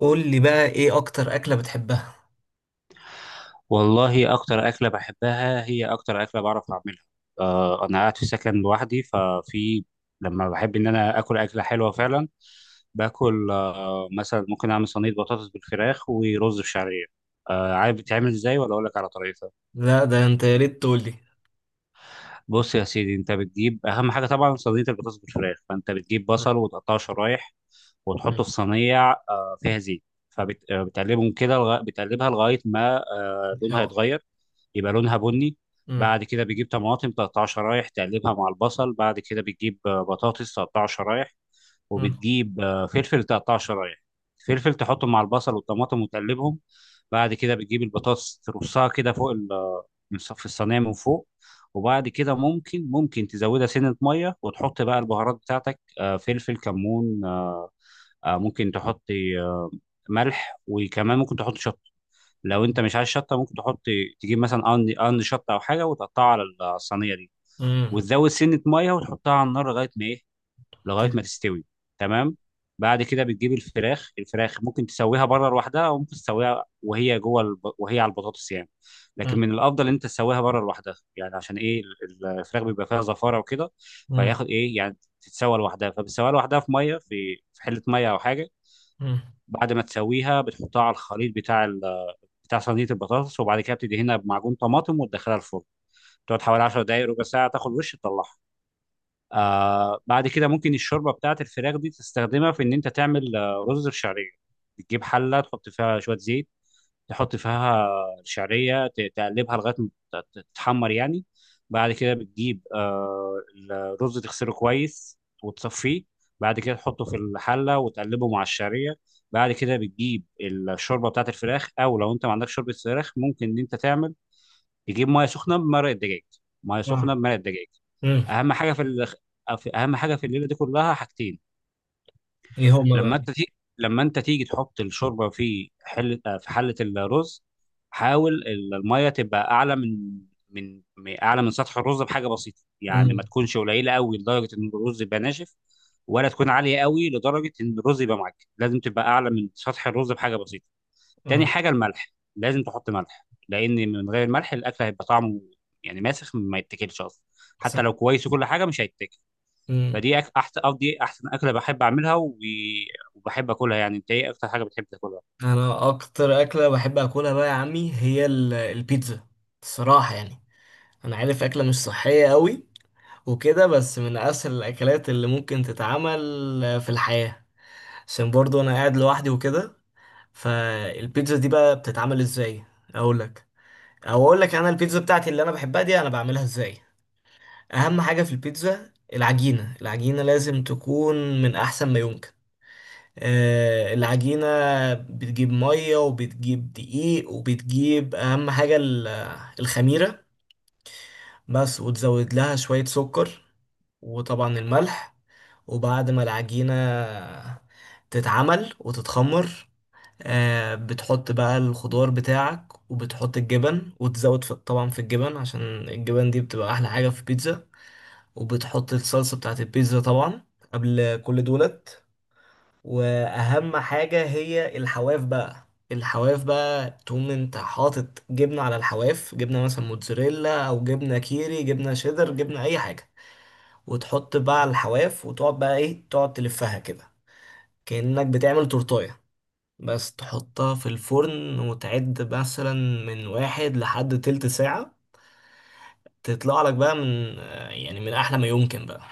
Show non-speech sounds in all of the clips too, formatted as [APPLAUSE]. قول لي بقى، ايه اكتر اكلة بتحبها؟ والله أكتر أكلة بحبها هي أكتر أكلة بعرف أعملها. أنا قاعد في سكن لوحدي لما بحب إن أنا آكل أكلة حلوة فعلا باكل، مثلا ممكن أعمل صينية بطاطس بالفراخ ورز بشعرية. عارف بتعمل إزاي ولا أقول لك على طريقتها؟ لا، ده انت يا ريت تقول لي. بص يا سيدي، انت بتجيب اهم حاجه طبعا صينيه البطاطس بالفراخ، فانت بتجيب مم. بصل وتقطعه شرايح وتحطه مم. في صينيه فيها زيت. فبتقلبهم كده بتقلبها لغايه ما لونها شاور. يتغير، يبقى لونها بني. مم. بعد كده بتجيب طماطم تقطعها شرايح تقلبها مع البصل. بعد كده بتجيب بطاطس تقطعها شرايح، مم. وبتجيب فلفل تقطعه شرايح. فلفل تحطه مع البصل والطماطم وتقلبهم. بعد كده بتجيب البطاطس ترصها كده فوق في الصينيه من فوق. وبعد كده ممكن تزودها سنه ميه وتحط بقى البهارات بتاعتك، فلفل، كمون، ممكن تحط آه، ملح. وكمان ممكن تحط شطه، لو انت مش عايز شطه ممكن تحط تجيب مثلا قرن قرن شطه او حاجه وتقطعها على الصينيه دي، مم. وتزود سنه ميه وتحطها على النار لغايه ما ايه، لغايه تل-. ما تستوي. تمام. بعد كده بتجيب الفراخ. ممكن تسويها بره لوحدها، وممكن تسويها وهي جوه وهي على البطاطس يعني. لكن مم. من الافضل ان انت تسويها بره لوحدها، يعني عشان ايه الفراخ بيبقى فيها زفاره وكده، مم. فياخد ايه يعني تتسوى لوحدها. فبتسويها لوحدها في ميه، في حله ميه او حاجه. مم. بعد ما تسويها بتحطها على الخليط بتاع صينيه البطاطس، وبعد كده بتدهنها بمعجون طماطم وتدخلها الفرن، تقعد حوالي 10 دقائق، ربع ساعه تاخد، وش تطلعها. بعد كده ممكن الشوربه بتاعت الفراخ دي تستخدمها في ان انت تعمل رز الشعريه. بتجيب حله تحط فيها شويه زيت، تحط فيها الشعريه، تقلبها لغايه ما تتحمر يعني. بعد كده بتجيب الرز، تغسله كويس وتصفيه. بعد كده تحطه في الحله وتقلبه مع الشعريه. بعد كده بتجيب الشوربه بتاعت الفراخ، او لو انت ما عندكش شوربه فراخ ممكن ان انت تعمل تجيب ميه سخنه بمرق الدجاج. ميه سخنه آه. بمرق الدجاج. مم. اهم حاجه اهم حاجه في الليله دي كلها حاجتين. ايه هما لما بقى؟ انت تيجي، تحط الشوربه في حله، في حله الرز، حاول الميه تبقى اعلى من، اعلى من سطح الرز بحاجه بسيطه، يعني ما مم. تكونش قليله قوي لدرجه ان الرز يبقى ناشف، ولا تكون عاليه قوي لدرجه ان الرز يبقى معجن. لازم تبقى اعلى من سطح الرز بحاجه بسيطه. تاني مم. حاجة الملح، لازم تحط ملح لأن من غير الملح الأكل هيبقى طعمه يعني ماسخ، ما يتاكلش أصلا. حتى س-. لو كويس وكل حاجة مش هيتاكل. مم. أحسن، أو دي أحسن أكلة بحب أعملها، وبحب أكلها. يعني أنت إيه أكتر حاجة بتحب تاكلها؟ انا اكتر اكلة بحب اكلها بقى يا عمي هي البيتزا، الصراحة يعني. انا عارف اكلة مش صحية قوي وكده، بس من اسهل الاكلات اللي ممكن تتعمل في الحياة، عشان برضو انا قاعد لوحدي وكده. فالبيتزا دي بقى بتتعمل ازاي؟ اقول لك، او اقول لك انا البيتزا بتاعتي اللي انا بحبها دي انا بعملها ازاي. اهم حاجه في البيتزا العجينه، العجينه لازم تكون من احسن ما يمكن. آه، العجينه بتجيب ميه وبتجيب دقيق وبتجيب اهم حاجه الخميره بس، وتزود لها شويه سكر وطبعا الملح. وبعد ما العجينه تتعمل وتتخمر، آه بتحط بقى الخضار بتاعك وبتحط الجبن، وتزود في طبعا في الجبن، عشان الجبن دي بتبقى أحلى حاجة في البيتزا. وبتحط الصلصة بتاعت البيتزا طبعا قبل كل دولت. وأهم حاجة هي الحواف بقى، الحواف بقى تقوم انت حاطط جبنة على الحواف، جبنة مثلا موتزاريلا أو جبنة كيري، جبنة شيدر، جبنة أي حاجة. وتحط بقى على الحواف وتقعد بقى ايه، تقعد تلفها كده كأنك بتعمل تورتاية. بس تحطها في الفرن وتعد مثلا من واحد لحد تلت ساعة، تطلع لك بقى من آه، يعني من أحلى ما يمكن بقى.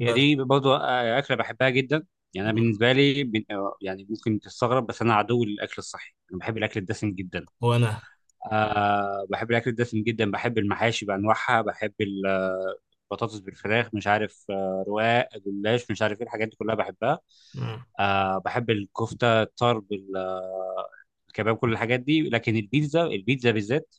هي بس. دي برضه أكلة بحبها جدا. يعني أنا مم. بالنسبة لي، يعني ممكن تستغرب، بس أنا عدو للأكل الصحي، أنا بحب الأكل الدسم جدا. وأنا. بحب الأكل الدسم جدا، بحب المحاشي بأنواعها، بحب البطاطس بالفراخ، مش عارف رواق جلاش، مش عارف ايه، الحاجات دي كلها بحبها. مم. بحب الكفتة، الطرب، الكباب، كل الحاجات دي. لكن البيتزا، البيتزا بالذات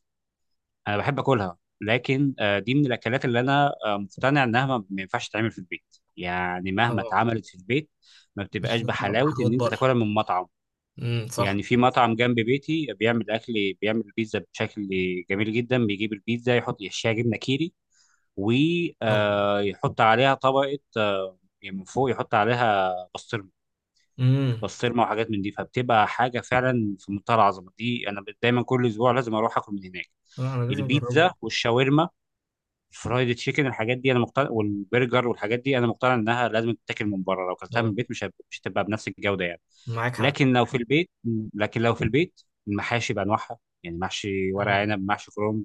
أنا بحب أكلها، لكن دي من الأكلات اللي أنا مقتنع إنها ما ينفعش تتعمل في البيت. يعني مهما اه، اتعملت في البيت ما مش بتبقاش هتطلع بحلاوة بحلويات إن أنت بره. تاكلها من مطعم. امم، صح. يعني في مطعم جنب بيتي بيعمل اكل، بيعمل بيتزا بشكل جميل جدا. بيجيب البيتزا، يحشيها جبنه كيري، الله. ويحط عليها طبقه، يعني من فوق يحط عليها بسطرمه. امم. بسطرمه وحاجات من دي، فبتبقى حاجه فعلا في منتهى العظمه. دي انا دايما كل اسبوع لازم اروح اكل من هناك. لا أنا لازم أجربه. البيتزا والشاورما، الفرايد تشيكن، الحاجات دي انا مقتنع، والبرجر والحاجات دي انا مقتنع انها لازم تتاكل من بره، لو اكلتها من اه، البيت مش هتبقى بنفس الجوده يعني. معاك حق. لكن لو في البيت، لكن لو في البيت المحاشي بانواعها، يعني محشي ورق مم. عنب، محشي كرنب،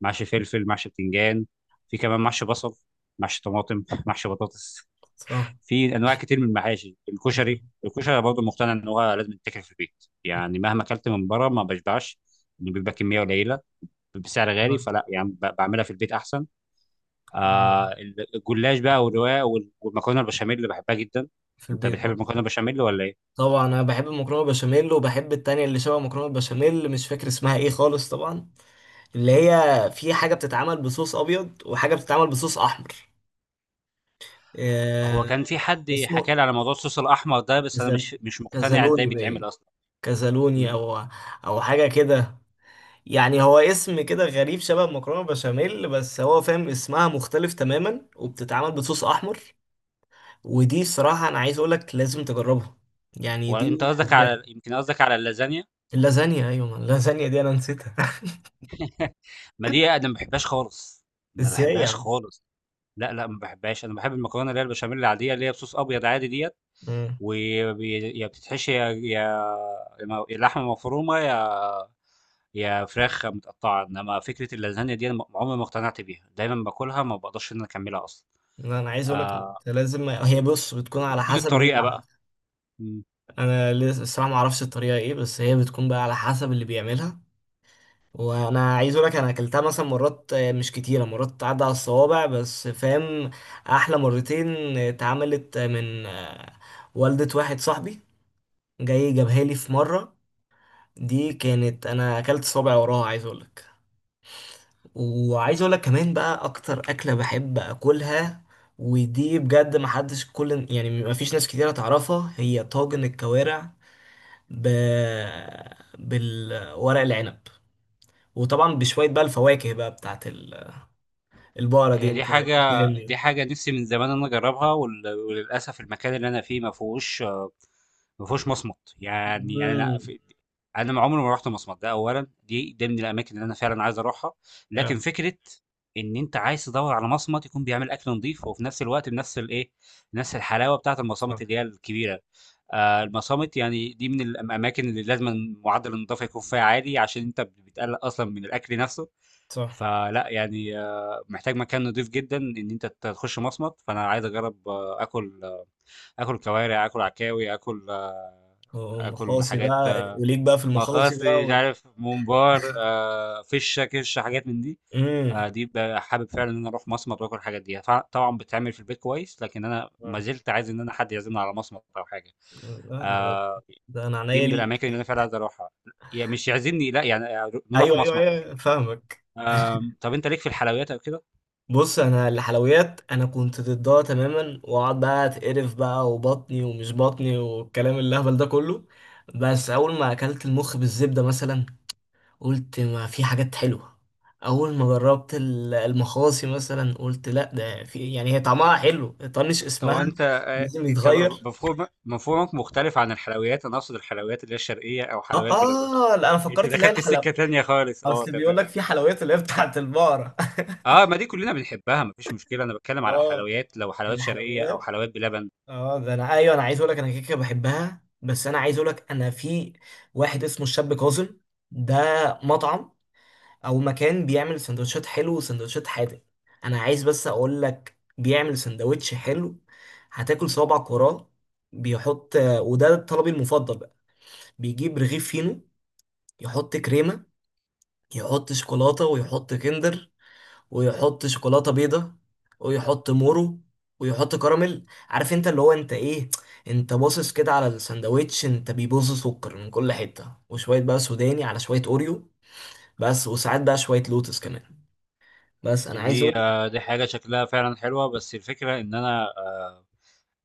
محشي فلفل، محشي بتنجان، في كمان محشي بصل، محشي طماطم، محشي بطاطس، صح. في انواع كتير من المحاشي. الكشري، مم. برضه مقتنع ان هو لازم يتاكل في البيت، يعني مهما اكلت من بره ما بشبعش، إنه بيبقى كميه قليله بسعر غالي، فلا يعني بعملها في البيت احسن. مم. آه الجلاش بقى، والرواية، والمكرونة البشاميل اللي بحبها جدا. في انت البيت بتحب برضه. المكرونة البشاميل ولا ايه؟ طبعا أنا بحب المكرونة بشاميل وبحب التانية اللي شبه مكرونة بشاميل، مش فاكر اسمها إيه خالص طبعا، اللي هي في حاجة بتتعمل بصوص أبيض وحاجة بتتعمل بصوص أحمر. هو آه، كان في حد اسمه حكى لي على موضوع الصوص الاحمر ده، بس انا كزل- مش مقتنع ازاي كزلوني بيتعمل باين، اصلا. كزلوني مم. أو أو حاجة كده. يعني هو اسم كده غريب شبه مكرونة بشاميل، بس هو فاهم اسمها مختلف تماما وبتتعمل بصوص أحمر. ودي صراحة أنا عايز أقولك لازم تجربها، يعني وانت دي قصدك على، يمكن قصدك على اللازانيا؟ اللازانيا. أيوة، ما اللازانيا دي أنا نسيتها [LAUGHS] ما دي انا ما بحبهاش خالص، ما إزاي بحبهاش يعني؟ خالص. لا لا، ما بحبهاش. انا بحب المكرونه اللي هي البشاميل العاديه، اللي هي بصوص ابيض عادي ديت، مم. ويا بتتحشي يا، يا لحمه مفرومه، يا هي فراخ متقطعة. إنما فكرة اللازانيا دي أنا عمري ما اقتنعت بيها، دايمًا باكلها ما باقدرش إن أنا أكمّلها أصلًا. لا، أنا عايز أقولك آآ أنت لازم، م هي بص بتكون ممكن على تكون حسب مين اللي الطريقة بقى. عملها. إمم. انا لسه الصراحه ما اعرفش الطريقه ايه، بس هي بتكون بقى على حسب اللي بيعملها. وانا عايز اقول لك انا اكلتها مثلا مرات، آه مش كتيره، مرات تعدى على الصوابع بس فاهم. احلى مرتين آه، اتعملت آه، من آه، والدة واحد صاحبي، جاي جابها لي في مره، دي كانت انا اكلت صابع وراها عايز اقول لك. وعايز اقول لك كمان بقى اكتر اكله بحب اكلها، ودي بجد محدش كل، يعني مفيش ناس كتيره تعرفها، هي طاجن الكوارع ب... بالورق العنب، وطبعا بشوية بقى الفواكه بقى بتاعت البقرة دي. هي دي انت حاجة دي فاهمني؟ حاجة نِفْسي من زمان إن أنا أجرّبها، وللأسف المكان اللي أنا فيه ما فيهوش، ما فيهوش مصمَت. يعني أنا امم. أنا ما عمري ما رُحت مصمَت ده أولًا. ده من الأماكن اللي أنا فعلًا عايز أروحها. اه. لكن فكرة إن أنت عايز تدوّر على مصمَت يكون بيعمل أكل نضيف وفي نَفْس الوقت بنَفْس الإيه، بنَفْس الحلاوة بتاعة المصامِت صح. اللي هي الكبيرة، المصامِت يعني دي من الأماكن اللي لازمًا معدّل النضافة يكون فيها عالي، عشان أنت بتقلّق أصلًا من الأكل نَفْسه. صح. فلأ يعني، محتاج مكان نضيف جدًا إن أنت تخش مصمت. فأنا عايز أجرّب آكل آكل كوارع، آكل عكاوي، آكل آكل ومخاصي حاجات بقى وليك بقى في المخاصي بقى مخاصي، مش وال... عارف ممبار، فِشّة، كِشّة، حاجات من دي. امم. دي حابب فعلًا إن أنا أروح مصمت وآكل الحاجات دي. طبعًا بتتعمل في البيت كويس، لكن أنا ما آه. زلت عايز إن أنا حد يعزمني على مصمت أو حاجة. لا، ده آآ، ده انا دي عينيا من ليك. الأماكن اللي أنا فعلًا عايز أروحها. مش يعزمني لأ، يعني نروح ايوه ايوه مصمت ايوه، وكده. فاهمك. طَب أنت ليك في الحلويات أو كده؟ بص انا الحلويات انا كنت ضدها تماما، واقعد بقى اتقرف بقى وبطني ومش بطني والكلام الهبل ده كله. بس اول ما اكلت المخ بالزبده مثلا قلت ما في حاجات حلوة. أول ما جربت المخاصي مثلا قلت لا ده في، يعني هي طعمها حلو. طنش هو اسمها، انت لازم يتغير. مفهومك مختلف عن الحلويات. انا اقصد الحلويات اللي هي الشرقيه او اه. حلويات بلبن. اه لا انا انت فكرت اللي هي دخلت الحلويات. السكه تانية خالص، اه، اصل بيقول تمام. لك في حلويات اللي هي بتاعت البقرة اه، ما دي كلنا بنحبها مفيش مشكله. انا بتكلم [LAUGHS] على اه الحلويات، لو حلويات شرقيه او الحلويات. حلويات بلبن. اه ده انا ايوه، انا عايز اقول لك انا كيكه بحبها. بس انا عايز اقول لك انا في واحد اسمه الشاب كاظم، ده مطعم او مكان بيعمل سندوتشات حلو وسندوتشات حادق. انا عايز بس اقول لك بيعمل سندوتش حلو هتاكل صوابعك وراه. بيحط، وده طلبي المفضل بقى، بيجيب رغيف فينو، يحط كريمة، يحط شوكولاتة، ويحط كندر، ويحط شوكولاتة بيضة، ويحط مورو، ويحط كراميل. عارف انت اللي هو انت ايه، انت باصص كده على السندوتش، انت بيبص سكر من كل حتة، وشوية بقى سوداني على شوية اوريو، بس وساعات بقى شوية لوتس كمان. بس انا يعني عايز. دي دي حاجه شكلها فعلا حلوه، بس الفكره ان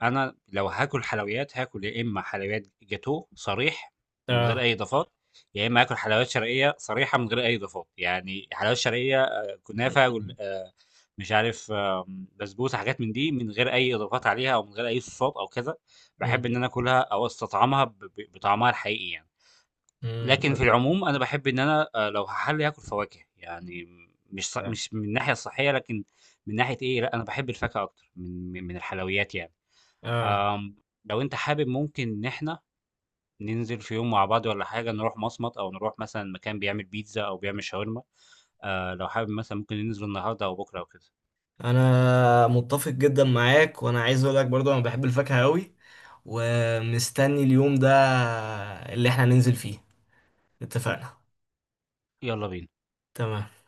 أنا لو هاكل حلويات، هاكل يا إمّا حلويات جاتوه صريح من غير اه. أي إضافات، يا إمّا هاكل حلويات شرقية صريحة من غير أي إضافات. يعني حلويات شرقية كنافة، وال مش عارف، بسبوسة، حاجات من دي من غير أي إضافات عليها أو من غير أي صوصات أو كذا. باحب مم. إن أنا آكلها أو أستطعمها ب ب بطعمها الحقيقي يعني. مم. لكن في العموم أنا باحب إن أنا، لو هاحلّي هاكل فواكه، يعني مش ص مم. مش من الناحية الصحية، لكن من ناحية إيه، لأ أنا باحب الفاكهة أكتر من الحلويات يعني. اه آمم، لو أنت حابب ممكن إن إحنا ننزل في يوم مع بعض والّا حاجة، نروح مصمت أو نروح مثلًا مكان بيعمل بيتزا أو بيعمل شاورما. لو حابب مثلًا ممكن ننزل النهارده أو بكرة أو كده. انا متفق جدا معاك، وانا عايز اقول لك برضو انا بحب الفاكهة قوي، ومستني اليوم ده اللي احنا ننزل فيه. اتفقنا. يالّا بينا. تمام.